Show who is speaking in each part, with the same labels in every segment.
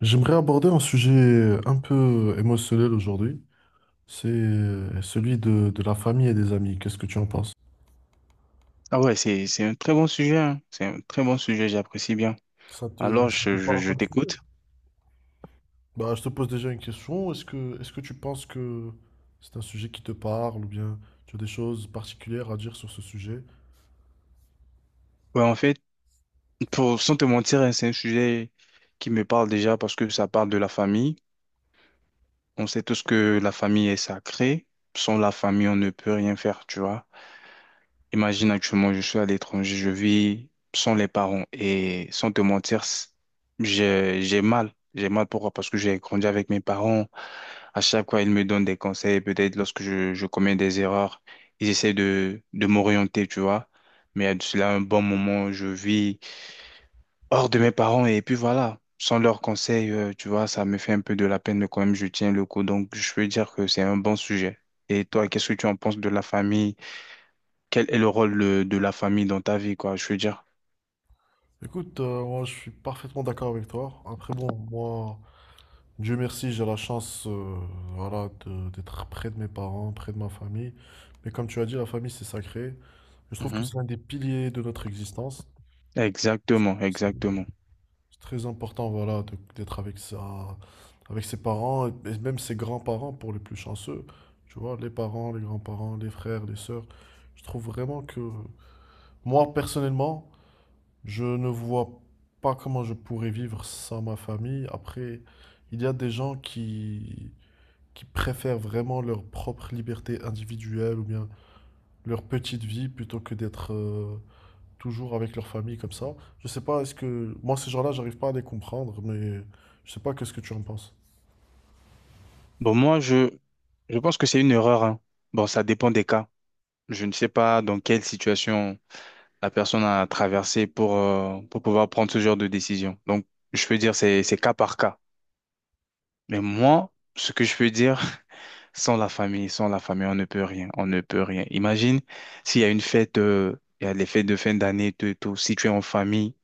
Speaker 1: J'aimerais aborder un sujet un peu émotionnel aujourd'hui. C'est celui de la famille et des amis. Qu'est-ce que tu en penses?
Speaker 2: Ah ouais, c'est un très bon sujet, hein. C'est un très bon sujet, j'apprécie bien.
Speaker 1: Ça te,
Speaker 2: Alors,
Speaker 1: ça te
Speaker 2: je, je,
Speaker 1: parle
Speaker 2: je
Speaker 1: comme sujet?
Speaker 2: t'écoute.
Speaker 1: Bah, je te pose déjà une question. Est-ce que tu penses que c'est un sujet qui te parle ou bien tu as des choses particulières à dire sur ce sujet?
Speaker 2: Ouais, en fait, pour, sans te mentir, hein, c'est un sujet qui me parle déjà parce que ça parle de la famille. On sait tous que la famille est sacrée. Sans la famille, on ne peut rien faire, tu vois. Imagine actuellement, je suis à l'étranger, je vis sans les parents et sans te mentir, j'ai mal. J'ai mal pourquoi? Parce que j'ai grandi avec mes parents. À chaque fois, ils me donnent des conseils. Peut-être lorsque je commets des erreurs, ils essaient de m'orienter, tu vois. Mais à cela, un bon moment, je vis hors de mes parents et puis voilà. Sans leurs conseils, tu vois, ça me fait un peu de la peine, mais quand même, je tiens le coup. Donc, je peux dire que c'est un bon sujet. Et toi, qu'est-ce que tu en penses de la famille? Quel est le rôle de la famille dans ta vie, quoi, je veux dire.
Speaker 1: Écoute, moi je suis parfaitement d'accord avec toi. Après, bon, moi, Dieu merci, j'ai la chance voilà, d'être près de mes parents, près de ma famille. Mais comme tu as dit, la famille, c'est sacré. Je trouve que
Speaker 2: Mhm.
Speaker 1: c'est l'un des piliers de notre existence.
Speaker 2: Exactement,
Speaker 1: C'est
Speaker 2: exactement.
Speaker 1: c'est très important, voilà, d'être avec sa, avec ses parents et même ses grands-parents pour les plus chanceux. Tu vois, les parents, les grands-parents, les frères, les sœurs. Je trouve vraiment que moi, personnellement, je ne vois pas comment je pourrais vivre sans ma famille. Après, il y a des gens qui préfèrent vraiment leur propre liberté individuelle ou bien leur petite vie plutôt que d'être toujours avec leur famille comme ça. Je sais pas, est-ce que... Moi, ces gens-là, j'arrive pas à les comprendre, mais je sais pas qu'est-ce que tu en penses.
Speaker 2: Bon, moi, je pense que c'est une erreur, hein. Bon, ça dépend des cas. Je ne sais pas dans quelle situation la personne a traversé pour pouvoir prendre ce genre de décision. Donc, je peux dire c'est cas par cas. Mais moi, ce que je peux dire, sans la famille, sans la famille, on ne peut rien, on ne peut rien. Imagine s'il y a une fête, il y a les fêtes de fin d'année, tout, et tout. Si tu es en famille,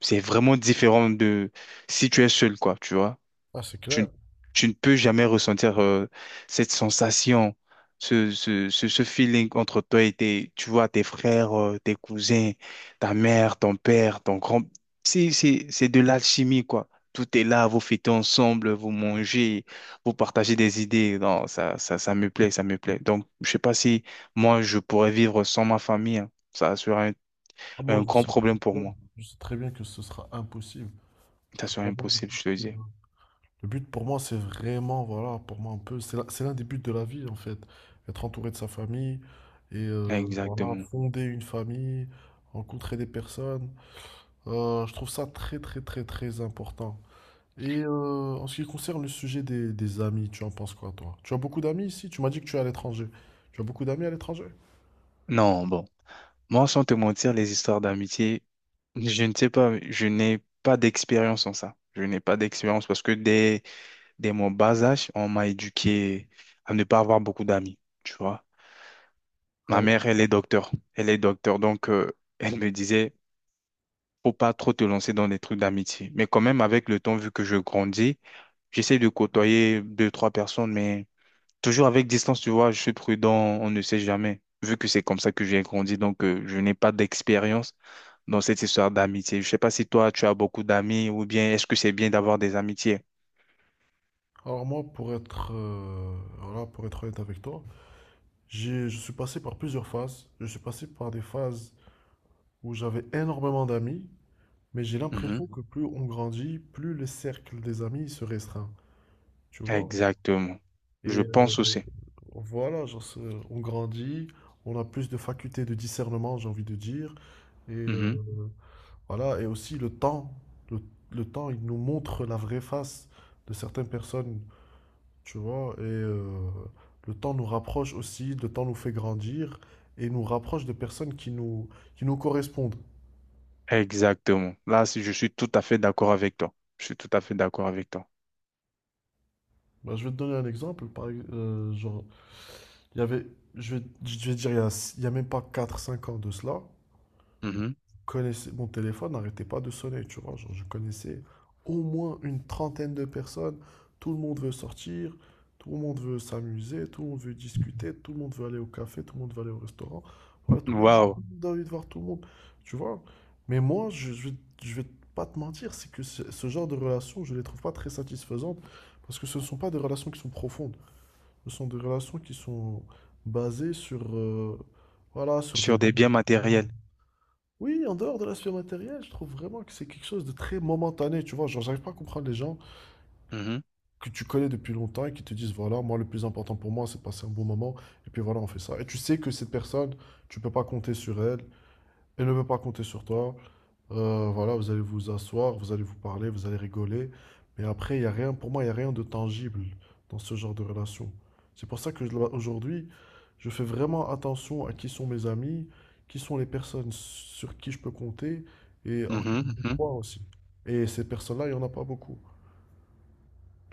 Speaker 2: c'est vraiment différent de si tu es seul, quoi, tu vois.
Speaker 1: Ah, c'est
Speaker 2: Tu, ne-
Speaker 1: clair.
Speaker 2: Tu ne peux jamais ressentir cette sensation, ce feeling entre toi et tes, tu vois, tes frères, tes cousins, ta mère, ton père, ton grand. C'est de l'alchimie, quoi. Tout est là, vous fêtez ensemble, vous mangez, vous partagez des idées. Non, ça me plaît, ça me plaît. Donc, je sais pas si moi, je pourrais vivre sans ma famille, hein. Ça serait
Speaker 1: Ah,
Speaker 2: un,
Speaker 1: moi,
Speaker 2: un
Speaker 1: je
Speaker 2: grand
Speaker 1: sais très
Speaker 2: problème pour
Speaker 1: bien,
Speaker 2: moi.
Speaker 1: je sais très bien que ce sera impossible.
Speaker 2: Ça serait
Speaker 1: Pour moi,
Speaker 2: impossible, je te le dis.
Speaker 1: le but, pour moi, c'est vraiment, voilà, pour moi un peu, c'est c'est l'un des buts de la vie, en fait. Être entouré de sa famille et voilà,
Speaker 2: Exactement.
Speaker 1: fonder une famille, rencontrer des personnes. Je trouve ça très très très très important. Et en ce qui concerne le sujet des amis, tu en penses quoi, toi? Tu as beaucoup d'amis ici? Tu m'as dit que tu es à l'étranger. Tu as beaucoup d'amis à l'étranger?
Speaker 2: Non, bon. Moi, sans te mentir, les histoires d'amitié, je ne sais pas, je n'ai pas d'expérience en ça. Je n'ai pas d'expérience parce que dès mon bas âge, on m'a éduqué à ne pas avoir beaucoup d'amis, tu vois.
Speaker 1: Ah
Speaker 2: Ma mère,
Speaker 1: ouais?
Speaker 2: elle est docteur. Elle est docteur, donc elle me disait, faut pas trop te lancer dans des trucs d'amitié. Mais quand même, avec le temps, vu que je grandis, j'essaie de côtoyer deux, trois personnes, mais toujours avec distance, tu vois, je suis prudent, on ne sait jamais. Vu que c'est comme ça que j'ai grandi, donc je n'ai pas d'expérience dans cette histoire d'amitié. Je sais pas si toi, tu as beaucoup d'amis ou bien est-ce que c'est bien d'avoir des amitiés?
Speaker 1: Alors moi, voilà, pour être honnête avec toi, je suis passé par plusieurs phases. Je suis passé par des phases où j'avais énormément d'amis, mais j'ai
Speaker 2: Mhm.
Speaker 1: l'impression que plus on grandit, plus le cercle des amis se restreint, tu vois?
Speaker 2: Exactement.
Speaker 1: Et
Speaker 2: Je
Speaker 1: euh,
Speaker 2: pense aussi.
Speaker 1: Voilà, genre, on grandit, on a plus de facultés de discernement, j'ai envie de dire. Et
Speaker 2: Mhm.
Speaker 1: voilà, et aussi le temps. Le, le temps, il nous montre la vraie face de certaines personnes, tu vois. Et le temps nous rapproche aussi, le temps nous fait grandir et nous rapproche de personnes qui nous correspondent.
Speaker 2: Exactement. Là, si- Je suis tout à fait d'accord avec toi. Je suis tout à fait d'accord avec toi.
Speaker 1: Bah, je vais te donner un exemple. Genre, il y avait, je vais dire, il y a même pas quatre cinq ans de cela.
Speaker 2: Mhm.
Speaker 1: Connaissais, mon téléphone n'arrêtait pas de sonner, tu vois. Genre, je connaissais au moins une trentaine de personnes. Tout le monde veut sortir, tout le monde veut s'amuser, tout le monde veut discuter, tout le monde veut aller au café, tout le monde veut aller au restaurant. Voilà, tous les jours,
Speaker 2: Waouh.
Speaker 1: j'ai envie de voir tout le monde, tu vois. Mais moi, je vais pas te mentir, c'est que ce genre de relations, je les trouve pas très satisfaisantes parce que ce ne sont pas des relations qui sont profondes. Ce sont des relations qui sont basées sur, voilà, sur des.
Speaker 2: Sur des biens matériels.
Speaker 1: Oui, en dehors de l'aspect matériel, je trouve vraiment que c'est quelque chose de très momentané, tu vois. Genre, j'arrive pas à comprendre les gens
Speaker 2: Mhm.
Speaker 1: que tu connais depuis longtemps et qui te disent, voilà, moi, le plus important pour moi, c'est de passer un bon moment, et puis voilà, on fait ça. Et tu sais que cette personne, tu peux pas compter sur elle, elle ne peut pas compter sur toi. Voilà, vous allez vous asseoir, vous allez vous parler, vous allez rigoler. Mais après, il y a rien, pour moi, il n'y a rien de tangible dans ce genre de relation. C'est pour ça que aujourd'hui, je fais vraiment attention à qui sont mes amis, qui sont les personnes sur qui je peux compter et en qui
Speaker 2: Mhm.
Speaker 1: je peux
Speaker 2: Mhm.
Speaker 1: croire aussi. Et ces personnes-là, il n'y en a pas beaucoup.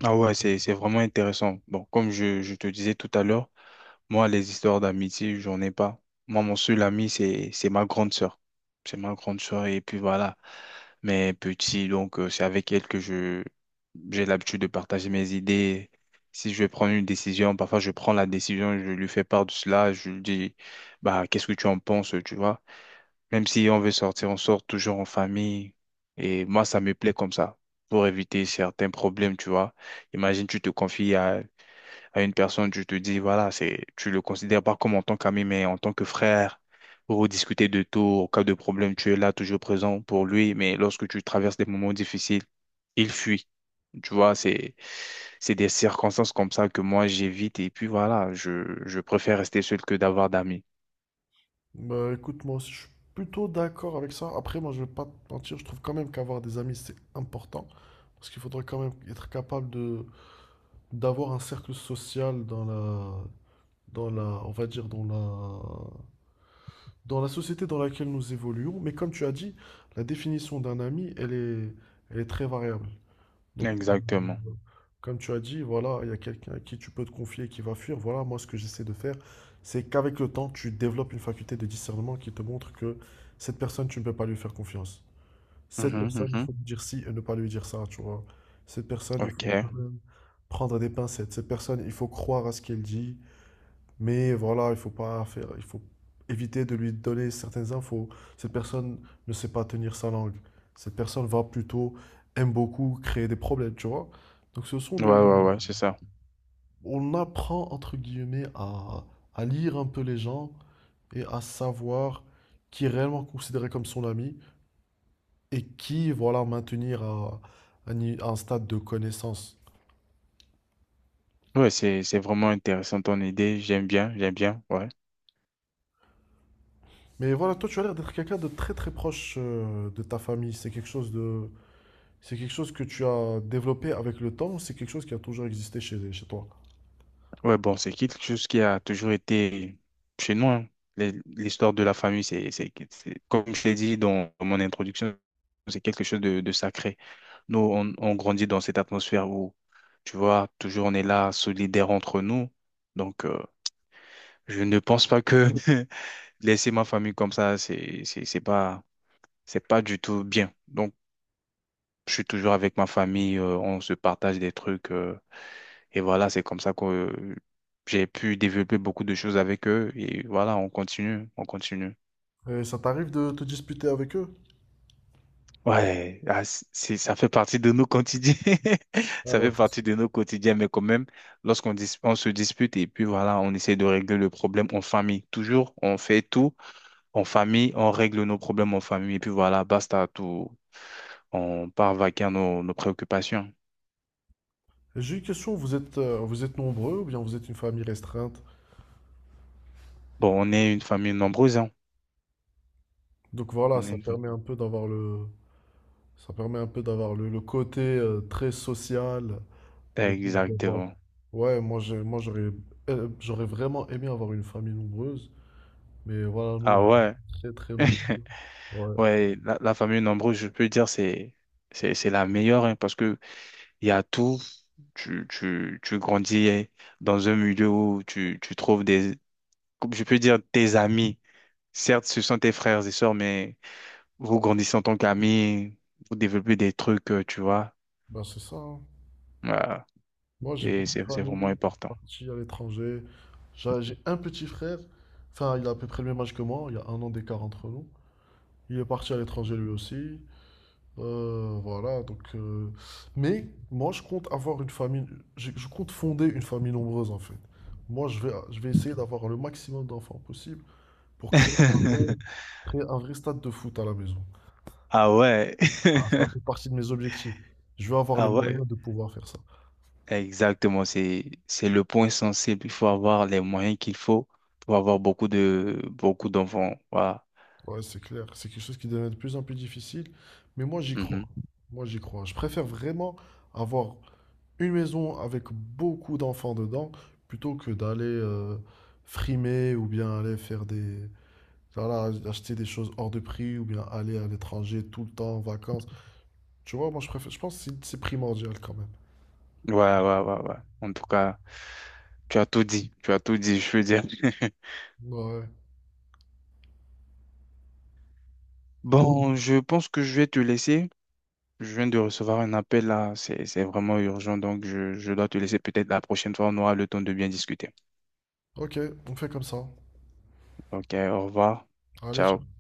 Speaker 2: Ah ouais, c'est vraiment intéressant. Bon, comme je te disais tout à l'heure, moi, les histoires d'amitié, j'en ai pas. Moi, mon seul ami, c'est ma grande sœur. C'est ma grande sœur et puis voilà. Mais petit, donc c'est avec elle que je j'ai l'habitude de partager mes idées. Si je vais prendre une décision, parfois je prends la décision, je lui fais part de cela, je lui dis bah qu'est-ce que tu en penses, tu vois. Même si on veut sortir, on sort toujours en famille. Et moi, ça me plaît comme ça pour éviter certains problèmes, tu vois. Imagine, tu te confies à une personne, tu te dis, voilà, c'est, tu le considères pas comme en tant qu'ami, mais en tant que frère, pour discuter de tout, au cas de problème, tu es là, toujours présent pour lui, mais lorsque tu traverses des moments difficiles, il fuit. Tu vois, c'est des circonstances comme ça que moi j'évite, et puis voilà, je préfère rester seul que d'avoir d'amis.
Speaker 1: Bah, écoute, moi aussi, je suis plutôt d'accord avec ça. Après, moi, je vais pas te mentir, je trouve quand même qu'avoir des amis, c'est important. Parce qu'il faudrait quand même être capable de d'avoir un cercle social on va dire dans la société dans laquelle nous évoluons. Mais comme tu as dit, la définition d'un ami, elle est très variable. Donc,
Speaker 2: Exactement.
Speaker 1: comme tu as dit, voilà, il y a quelqu'un à qui tu peux te confier et qui va fuir. Voilà, moi, ce que j'essaie de faire, c'est qu'avec le temps, tu développes une faculté de discernement qui te montre que cette personne, tu ne peux pas lui faire confiance. Cette
Speaker 2: Mhm,
Speaker 1: personne, il
Speaker 2: mhm.
Speaker 1: faut lui dire ci et ne pas lui dire ça, tu vois. Cette personne, il faut
Speaker 2: Ok. Ouais,
Speaker 1: quand même prendre des pincettes. Cette personne, il faut croire à ce qu'elle dit, mais voilà, il faut pas faire, il faut éviter de lui donner certaines infos. Cette personne ne sait pas tenir sa langue. Cette personne va plutôt, aime beaucoup créer des problèmes, tu vois. Donc ce sont des.
Speaker 2: ouais,
Speaker 1: Mm.
Speaker 2: ouais, c'est ça.
Speaker 1: On apprend, entre guillemets, à lire un peu les gens et à savoir qui est réellement considéré comme son ami et qui, voilà, maintenir à, un à un stade de connaissance.
Speaker 2: Ouais, c'est vraiment intéressant ton idée, j'aime bien, ouais.
Speaker 1: Mais voilà, toi tu as l'air d'être quelqu'un de très très proche de ta famille. C'est quelque chose que tu as développé avec le temps ou c'est quelque chose qui a toujours existé chez, chez toi?
Speaker 2: Ouais, bon, c'est quelque chose qui a toujours été chez nous, hein. L'histoire de la famille, comme je l'ai dit dans mon introduction, c'est quelque chose de sacré. Nous, on grandit dans cette atmosphère où, tu vois, toujours on est là, solidaire entre nous. Donc, je ne pense pas que laisser ma famille comme ça, c'est pas du tout bien. Donc, je suis toujours avec ma famille, on se partage des trucs. Et voilà, c'est comme ça que j'ai pu développer beaucoup de choses avec eux. Et voilà, on continue, on continue.
Speaker 1: Et ça t'arrive de te disputer avec eux?
Speaker 2: Ouais, ah, ça fait partie de nos quotidiens.
Speaker 1: Ah
Speaker 2: Ça
Speaker 1: bah,
Speaker 2: fait
Speaker 1: c'est
Speaker 2: partie
Speaker 1: sûr.
Speaker 2: de nos quotidiens, mais quand même, on se dispute et puis voilà, on essaie de régler le problème en famille. Toujours, on fait tout en famille, on règle nos problèmes en famille et puis voilà, basta, tout. On part vaquer à nos préoccupations.
Speaker 1: J'ai une question, vous êtes nombreux ou bien vous êtes une famille restreinte?
Speaker 2: Bon, on est une famille nombreuse, hein.
Speaker 1: Donc voilà,
Speaker 2: On est une-
Speaker 1: Ça permet un peu d'avoir le côté très social, le fait d'avoir...
Speaker 2: Exactement.
Speaker 1: Ouais, moi, j'aurais vraiment aimé avoir une famille nombreuse, mais voilà, nous, on
Speaker 2: Ah
Speaker 1: est
Speaker 2: ouais.
Speaker 1: très, très nombreux. Ouais,
Speaker 2: Ouais, la famille nombreuse, je peux dire, c'est la meilleure, hein, parce que il y a tout. Tu grandis hein, dans un milieu où tu trouves des comme je peux dire, tes amis. Certes, ce sont tes frères et sœurs, mais vous grandissez en tant qu'amis, vous développez des trucs, tu vois.
Speaker 1: ben c'est ça, hein.
Speaker 2: Ouais.
Speaker 1: Moi, j'ai
Speaker 2: Et
Speaker 1: beaucoup de
Speaker 2: c'est vraiment
Speaker 1: familles qui sont
Speaker 2: important.
Speaker 1: parties à l'étranger. J'ai un petit frère, enfin, il a à peu près le même âge que moi, il y a un an d'écart entre nous. Il est parti à l'étranger lui aussi. Voilà, donc. Mais moi, je compte avoir une famille. Je compte fonder une famille nombreuse, en fait. Moi, je vais essayer d'avoir le maximum d'enfants possible pour créer un vrai stade de foot à la maison.
Speaker 2: Ah ouais.
Speaker 1: Ah, ça fait partie de mes objectifs. Je veux avoir les
Speaker 2: Ah ouais.
Speaker 1: moyens de pouvoir faire ça.
Speaker 2: Exactement. C'est le point sensible. Il faut avoir les moyens qu'il faut pour avoir beaucoup de, beaucoup d'enfants. Voilà.
Speaker 1: Ouais, c'est clair. C'est quelque chose qui devient de plus en plus difficile. Mais moi, j'y crois.
Speaker 2: Mhm.
Speaker 1: Moi, j'y crois. Je préfère vraiment avoir une maison avec beaucoup d'enfants dedans plutôt que d'aller frimer ou bien aller faire des voilà, acheter des choses hors de prix ou bien aller à l'étranger tout le temps en vacances. Tu vois, moi je préfère, je pense que c'est primordial quand même.
Speaker 2: Ouais, ouais, ouais, ouais. En tout cas. Tu as tout dit, tu as tout dit, je veux dire.
Speaker 1: Ouais.
Speaker 2: Bon, je pense que je vais te laisser. Je viens de recevoir un appel là, c'est vraiment urgent, donc je dois te laisser. Peut-être la prochaine fois, on aura le temps de bien discuter.
Speaker 1: Ok, on fait comme ça.
Speaker 2: Ok, au revoir.
Speaker 1: Allez,
Speaker 2: Ciao.
Speaker 1: ciao.